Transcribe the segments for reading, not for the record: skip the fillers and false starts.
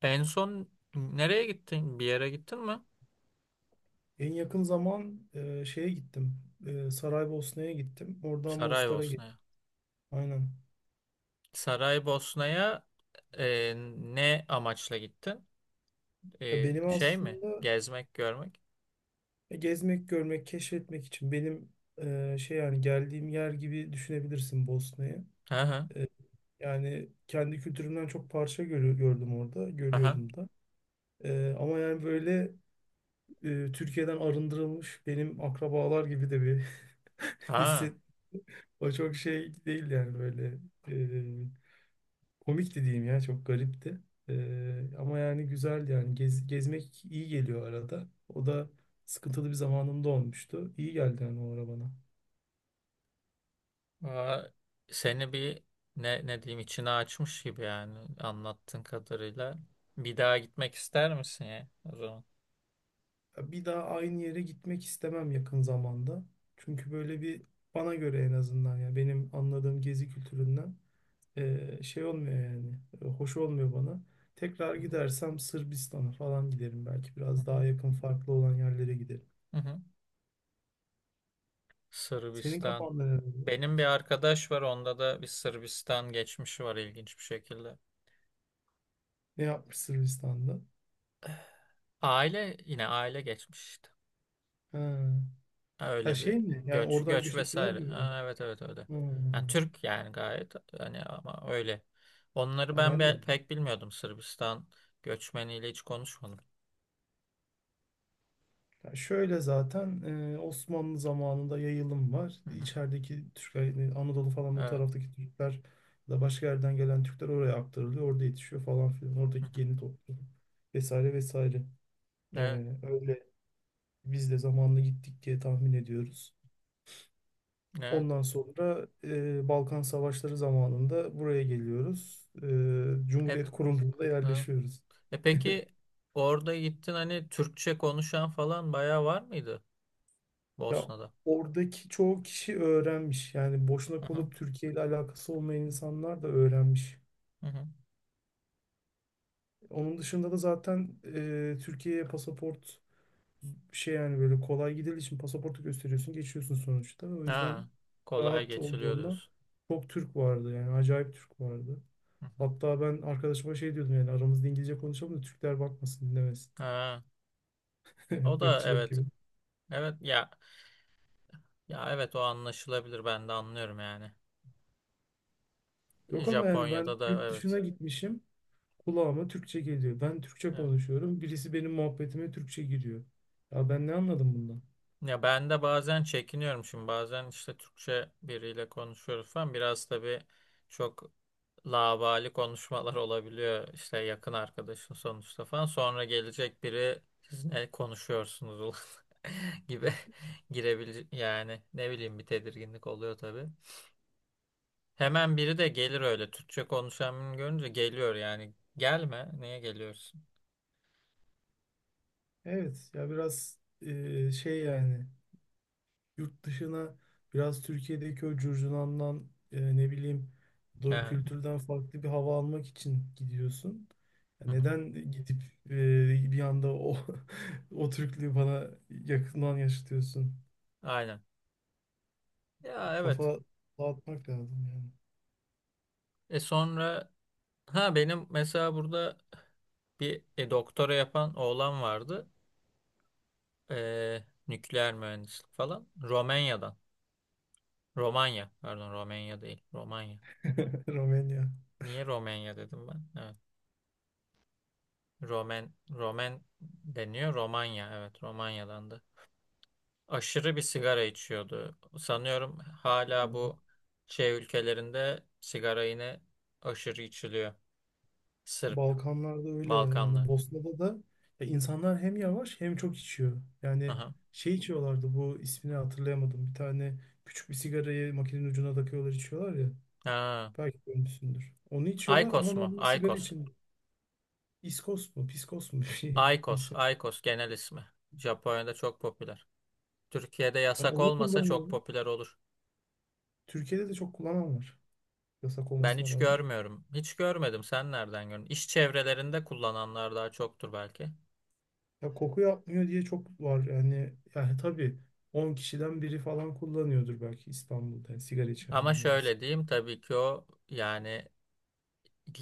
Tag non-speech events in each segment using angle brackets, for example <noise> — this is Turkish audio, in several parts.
En son nereye gittin? Bir yere gittin mi? En yakın zaman şeye gittim. Saraybosna'ya gittim. Oradan Mostar'a gittim. Saraybosna'ya. Aynen. Saraybosna'ya ne amaçla gittin? Ya benim Şey mi? aslında Gezmek, görmek? gezmek, görmek, keşfetmek için benim şey, yani geldiğim yer gibi düşünebilirsin Bosna'yı. Aha, Yani kendi kültürümden çok parça gördüm orada, aha, görüyorum da. Ama yani böyle Türkiye'den arındırılmış benim akrabalar gibi de bir <laughs> ha. hisset. O çok şey değil yani böyle. Komikti diyeyim, ya çok garipti. Ama yani güzeldi, yani gezmek iyi geliyor arada. O da sıkıntılı bir zamanımda olmuştu. İyi geldi yani o ara bana. Aa, seni bir ne diyeyim, içine açmış gibi yani anlattığın kadarıyla. Bir daha gitmek ister misin ya o zaman? Bir daha aynı yere gitmek istemem yakın zamanda. Çünkü böyle bir, bana göre en azından, yani benim anladığım gezi kültüründen şey olmuyor yani. Hoş olmuyor bana. Tekrar Hı hı, gidersem Sırbistan'a falan giderim, belki biraz hı daha yakın farklı olan yerlere giderim. hı, hı hı. Senin Sırbistan. kafanda ne var? Benim bir arkadaş var, onda da bir Sırbistan geçmişi var ilginç bir şekilde. Ne yapmış Sırbistan'da? Aile yine aile geçmiş işte. Ha. Ha, Öyle şey bir mi? Yani göç oradan göç göç ettiler vesaire. gibi mi? Ha, evet evet öyle. Yani Hmm. Türk yani gayet hani ama öyle. Onları Ya ben ben de, pek bilmiyordum, Sırbistan göçmeniyle hiç konuşmadım. ya şöyle zaten Osmanlı zamanında yayılım var. Hı hı. İçerideki Türkler, yani Anadolu falan o Evet. taraftaki Türkler ya da başka yerden gelen Türkler oraya aktarılıyor. Orada yetişiyor falan filan. Hı hı. Oradaki geni topluyor. Vesaire vesaire. Evet. Öyle biz de zamanla gittik diye tahmin ediyoruz. Evet. Ondan sonra Balkan Savaşları zamanında buraya geliyoruz. E, Cumhuriyet kurulduğunda hı. yerleşiyoruz. Peki orada gittin hani Türkçe konuşan falan bayağı var mıydı Ya Bosna'da? oradaki çoğu kişi öğrenmiş. Yani boşuna Hı hı. kalıp Türkiye ile alakası olmayan insanlar da öğrenmiş. Hı hı. Onun dışında da zaten Türkiye'ye pasaport şey, yani böyle kolay gidildiği için pasaportu gösteriyorsun, geçiyorsun sonuçta. O yüzden Ha, kolay rahat geçiliyor olduğunda diyorsun. çok Türk vardı, yani acayip Türk vardı. Hı hı. Hatta ben arkadaşıma şey diyordum, yani aramızda İngilizce konuşalım da Türkler bakmasın, dinlemesin. Ha, o <laughs> da Irkçılık evet. gibi. Evet ya. Ya evet, o anlaşılabilir, ben de anlıyorum yani. Yok ama yani ben Japonya'da da yurt evet. dışına gitmişim. Kulağıma Türkçe geliyor. Ben Türkçe Evet. konuşuyorum. Birisi benim muhabbetime Türkçe giriyor. Ya ben ne anladım bundan? Ya ben de bazen çekiniyorum şimdi, bazen işte Türkçe biriyle konuşuyoruz falan, biraz tabii çok laubali konuşmalar olabiliyor işte, yakın arkadaşın sonuçta falan, sonra gelecek biri, siz ne konuşuyorsunuz ulan?" <laughs> gibi girebilir yani, ne bileyim, bir tedirginlik oluyor tabii. Hemen biri de gelir, öyle Türkçe konuşan birini görünce geliyor yani, gelme, niye geliyorsun? Evet ya, biraz şey yani yurt dışına biraz Türkiye'deki o curcunandan, ne bileyim, doğu <laughs> kültürden farklı bir hava almak için gidiyorsun. Ya Hı hı. neden gidip bir anda o <laughs> o Türklüğü bana yakından yaşatıyorsun? Aynen. Ya evet. Kafa dağıtmak lazım yani. Sonra ha benim mesela burada bir doktora yapan oğlan vardı. Nükleer mühendislik falan. Romanya'dan. Romanya. Pardon, Romanya değil. Romanya. <laughs> Romanya. Niye Romanya dedim ben? Evet. Romen, Romen deniyor. Romanya. Evet, Romanya'dandı. Aşırı bir sigara içiyordu. Sanıyorum hala bu şey ülkelerinde sigara yine aşırı içiliyor. Sırp, Balkanlarda öyle ya. Yani Balkanlar. Bosna'da da ya insanlar hem yavaş hem çok içiyor. Yani şey içiyorlardı, bu ismini hatırlayamadım. Bir tane küçük bir sigarayı makinenin ucuna takıyorlar, içiyorlar ya. Ha, Belki görmüşsündür. Onu içiyorlar Aykos ama mu? normal sigara Aykos. için. İskos mu, Piskos mu <laughs> bir şey Aykos. isim. Aykos genel ismi. Japonya'da çok popüler. Türkiye'de Ben yasak onu olmasa çok kullanıyorum. popüler olur. Türkiye'de de çok kullanan var. Yasak Ben olmasına hiç rağmen. görmüyorum. Hiç görmedim. Sen nereden gördün? İş çevrelerinde kullananlar daha çoktur belki. Ya koku yapmıyor diye çok var. Yani tabii 10 kişiden biri falan kullanıyordur belki İstanbul'da, yani sigara Ama içenlerin arasında. şöyle diyeyim, tabii ki o yani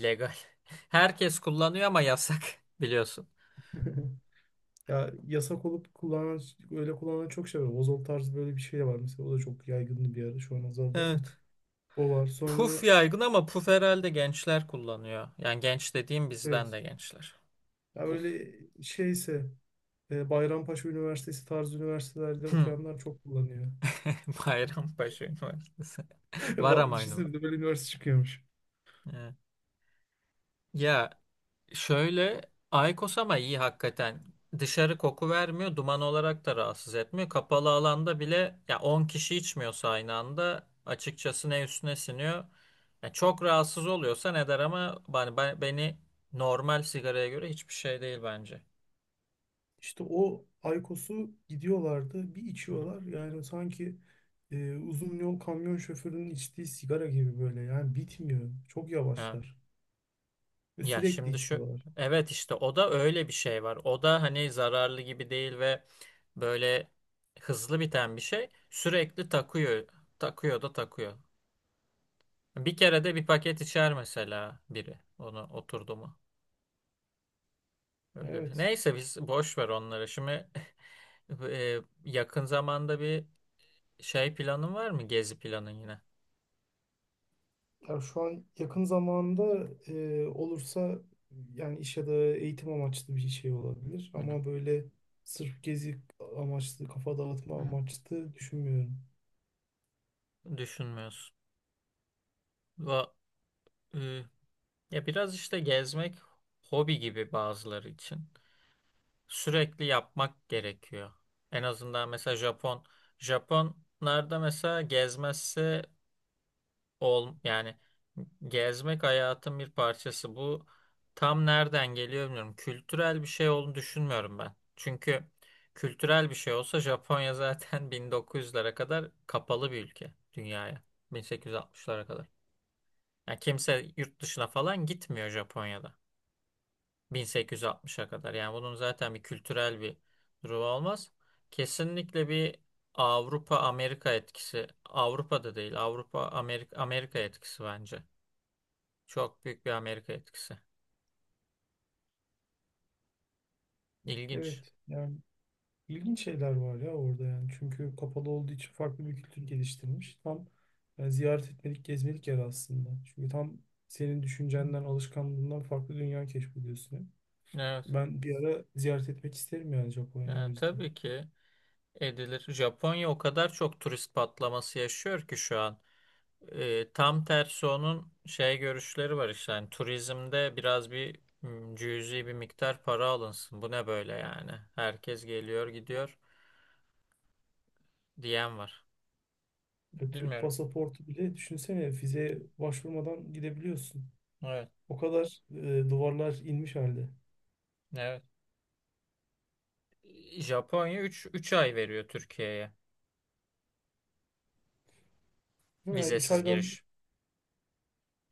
legal. <laughs> Herkes kullanıyor ama yasak, <laughs> biliyorsun. <laughs> Ya yasak olup kullanan, öyle kullanan çok şey var. Ozol tarzı böyle bir şey de var. Mesela o da çok yaygındı bir ara. Şu an azaldı ama Evet. o var. Puf Sonra yaygın ama puf herhalde gençler kullanıyor. Yani genç dediğim bizden evet. de gençler. Ya Puf. öyle şeyse Bayrampaşa Üniversitesi tarzı üniversitelerde <laughs> okuyanlar çok kullanıyor. Bayrampaşa Üniversitesi. <laughs> Var Vallahi, ama aynı. düşünsene bir de böyle üniversite çıkıyormuş. Evet. Ya şöyle, Aykos ama iyi hakikaten. Dışarı koku vermiyor, duman olarak da rahatsız etmiyor. Kapalı alanda bile ya 10 kişi içmiyorsa aynı anda, açıkçası ne üstüne siniyor. Ya çok rahatsız oluyorsa ne der ama beni, normal sigaraya göre hiçbir şey değil bence. İşte o Aykos'u gidiyorlardı. Bir Hı hı. içiyorlar. Yani sanki uzun yol kamyon şoförünün içtiği sigara gibi böyle. Yani bitmiyor. Çok Evet. yavaşlar. Ve Ya sürekli şimdi şu içiyorlar. evet işte o da öyle bir şey var. O da hani zararlı gibi değil ve böyle hızlı biten bir şey. Sürekli takıyor. Takıyor da takıyor. Bir kere de bir paket içer mesela biri. Onu oturdu mu? Öyle bir şey. Evet. Neyse, biz boş ver onları. Şimdi <laughs> yakın zamanda bir şey planın var mı? Gezi planın yine. Ya şu an yakın zamanda olursa yani iş ya da eğitim amaçlı bir şey olabilir. Hı hı, Ama böyle sırf gezi amaçlı, kafa dağıtma hı amaçlı düşünmüyorum. hı. Düşünmüyorsun. Va- e, ya biraz işte gezmek hobi gibi bazıları için, sürekli yapmak gerekiyor. En azından mesela Japonlarda mesela gezmezse ol yani, gezmek hayatın bir parçası. Bu tam nereden geliyor bilmiyorum. Kültürel bir şey olduğunu düşünmüyorum ben. Çünkü kültürel bir şey olsa Japonya <laughs> zaten 1900'lere kadar kapalı bir ülke dünyaya. 1860'lara kadar. Yani kimse yurt dışına falan gitmiyor Japonya'da. 1860'a kadar. Yani bunun zaten bir kültürel bir durumu olmaz. Kesinlikle bir Avrupa Amerika etkisi. Avrupa'da değil. Avrupa Amerika Amerika etkisi bence. Çok büyük bir Amerika etkisi. İlginç. Evet, yani ilginç şeyler var ya orada yani. Çünkü kapalı olduğu için farklı bir kültür geliştirmiş. Tam yani ziyaret etmelik, gezmelik yer aslında. Çünkü tam senin düşüncenden, alışkanlığından farklı dünya keşfediyorsun. Evet. Ben bir ara ziyaret etmek isterim yani Japonya'yı, o Yani yüzden. tabii ki edilir, Japonya o kadar çok turist patlaması yaşıyor ki şu an. Tam tersi, onun şey görüşleri var işte yani, turizmde biraz bir cüzi bir miktar para alınsın. Bu ne böyle yani? Herkes geliyor gidiyor diyen var. Ya Türk Bilmiyorum. pasaportu bile düşünsene, vizeye başvurmadan gidebiliyorsun. Evet. O kadar duvarlar inmiş halde. Evet. Japonya 3 3 ay veriyor Türkiye'ye Ama yani 3 vizesiz aydan, giriş.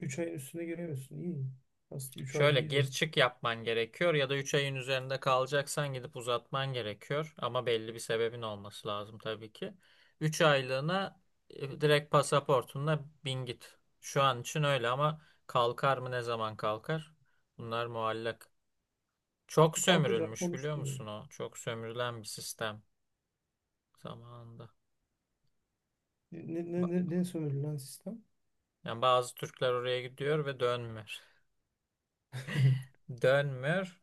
3 ayın üstüne giremiyorsun. İyi. Aslında üç ay ayda Şöyle iyi gir vakit. çık yapman gerekiyor ya da 3 ayın üzerinde kalacaksan gidip uzatman gerekiyor. Ama belli bir sebebin olması lazım tabii ki. 3 aylığına direkt pasaportunla bin git. Şu an için öyle ama kalkar mı, ne zaman kalkar? Bunlar muallak. Çok Kalkacak sömürülmüş biliyor konuşuluyor. musun o? Çok sömürülen bir sistem zamanında. Ne, ne, Ba- ne, ne sömürü lan sistem? Yani bazı Türkler oraya gidiyor ve dönmüyor. <laughs> <laughs> Dönmüyor.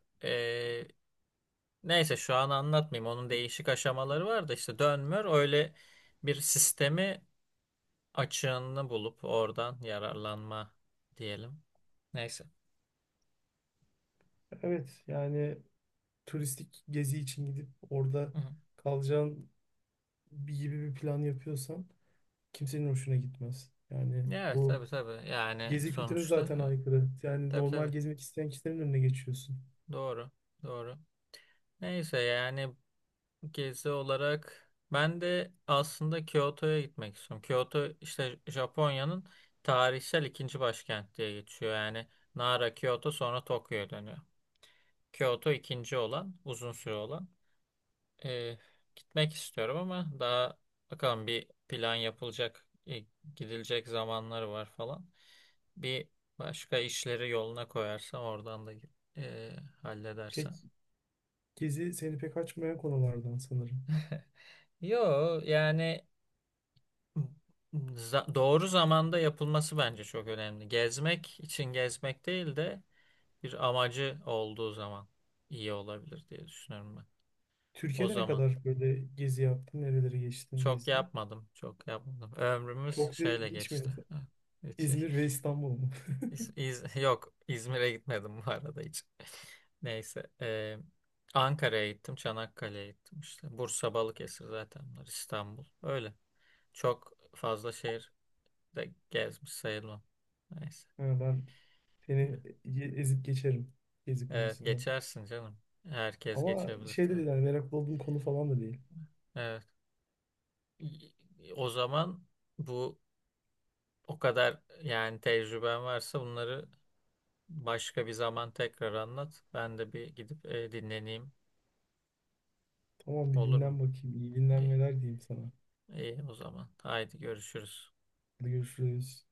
Neyse, şu an anlatmayayım. Onun değişik aşamaları var da işte dönmür, öyle bir sistemi, açığını bulup oradan yararlanma diyelim. Neyse. Evet yani turistik gezi için gidip orada Hı hı. kalacağın bir gibi bir plan yapıyorsan kimsenin hoşuna gitmez. Yani Evet bu tabii tabii. Yani gezi kültürüne sonuçta zaten evet. aykırı. Yani Tabii normal tabii. gezmek isteyen kişilerin önüne geçiyorsun. Doğru. Doğru. Neyse yani, gezi olarak ben de aslında Kyoto'ya gitmek istiyorum. Kyoto işte Japonya'nın tarihsel ikinci başkent diye geçiyor. Yani Nara, Kyoto, sonra Tokyo'ya dönüyor. Kyoto ikinci olan, uzun süre olan. Ee, gitmek istiyorum ama daha bakalım, bir plan yapılacak, gidilecek zamanları var falan. Bir başka işleri yoluna koyarsam, oradan da e, Pek halledersem. Gezi seni pek açmayan konulardan sanırım. Yo yani, doğru zamanda yapılması bence çok önemli. Gezmek için gezmek değil de bir amacı olduğu zaman iyi olabilir diye düşünüyorum ben. O Türkiye'de ne zaman. kadar böyle gezi yaptın? Nereleri geçtin, Çok gezdin? yapmadım. Çok yapmadım. Ömrümüz Çok da, şöyle hiç mi? geçti. <laughs> Ha, <laughs> hiç, İzmir ve İstanbul mu? <laughs> Yok, İzmir'e gitmedim bu arada hiç. <laughs> Neyse. Ankara'ya gittim. Çanakkale'ye gittim işte. Bursa, Balıkesir, zaten bunlar. İstanbul. Öyle. Çok fazla şehir de gezmiş sayılmam. Neyse. Ha, ben Evet, seni ezip geçerim gezi evet, konusunda. geçersin canım. Herkes Ama geçebilir şey de tabii. değil, hani meraklı olduğum konu falan da değil. Evet. Y- O zaman bu o kadar yani, tecrüben varsa bunları başka bir zaman tekrar anlat. Ben de bir gidip dinleneyim. Tamam, bir Olur mu? dinlen bakayım. İyi İyi, dinlenmeler diyeyim sana. iyi o zaman. Haydi görüşürüz. Hadi görüşürüz.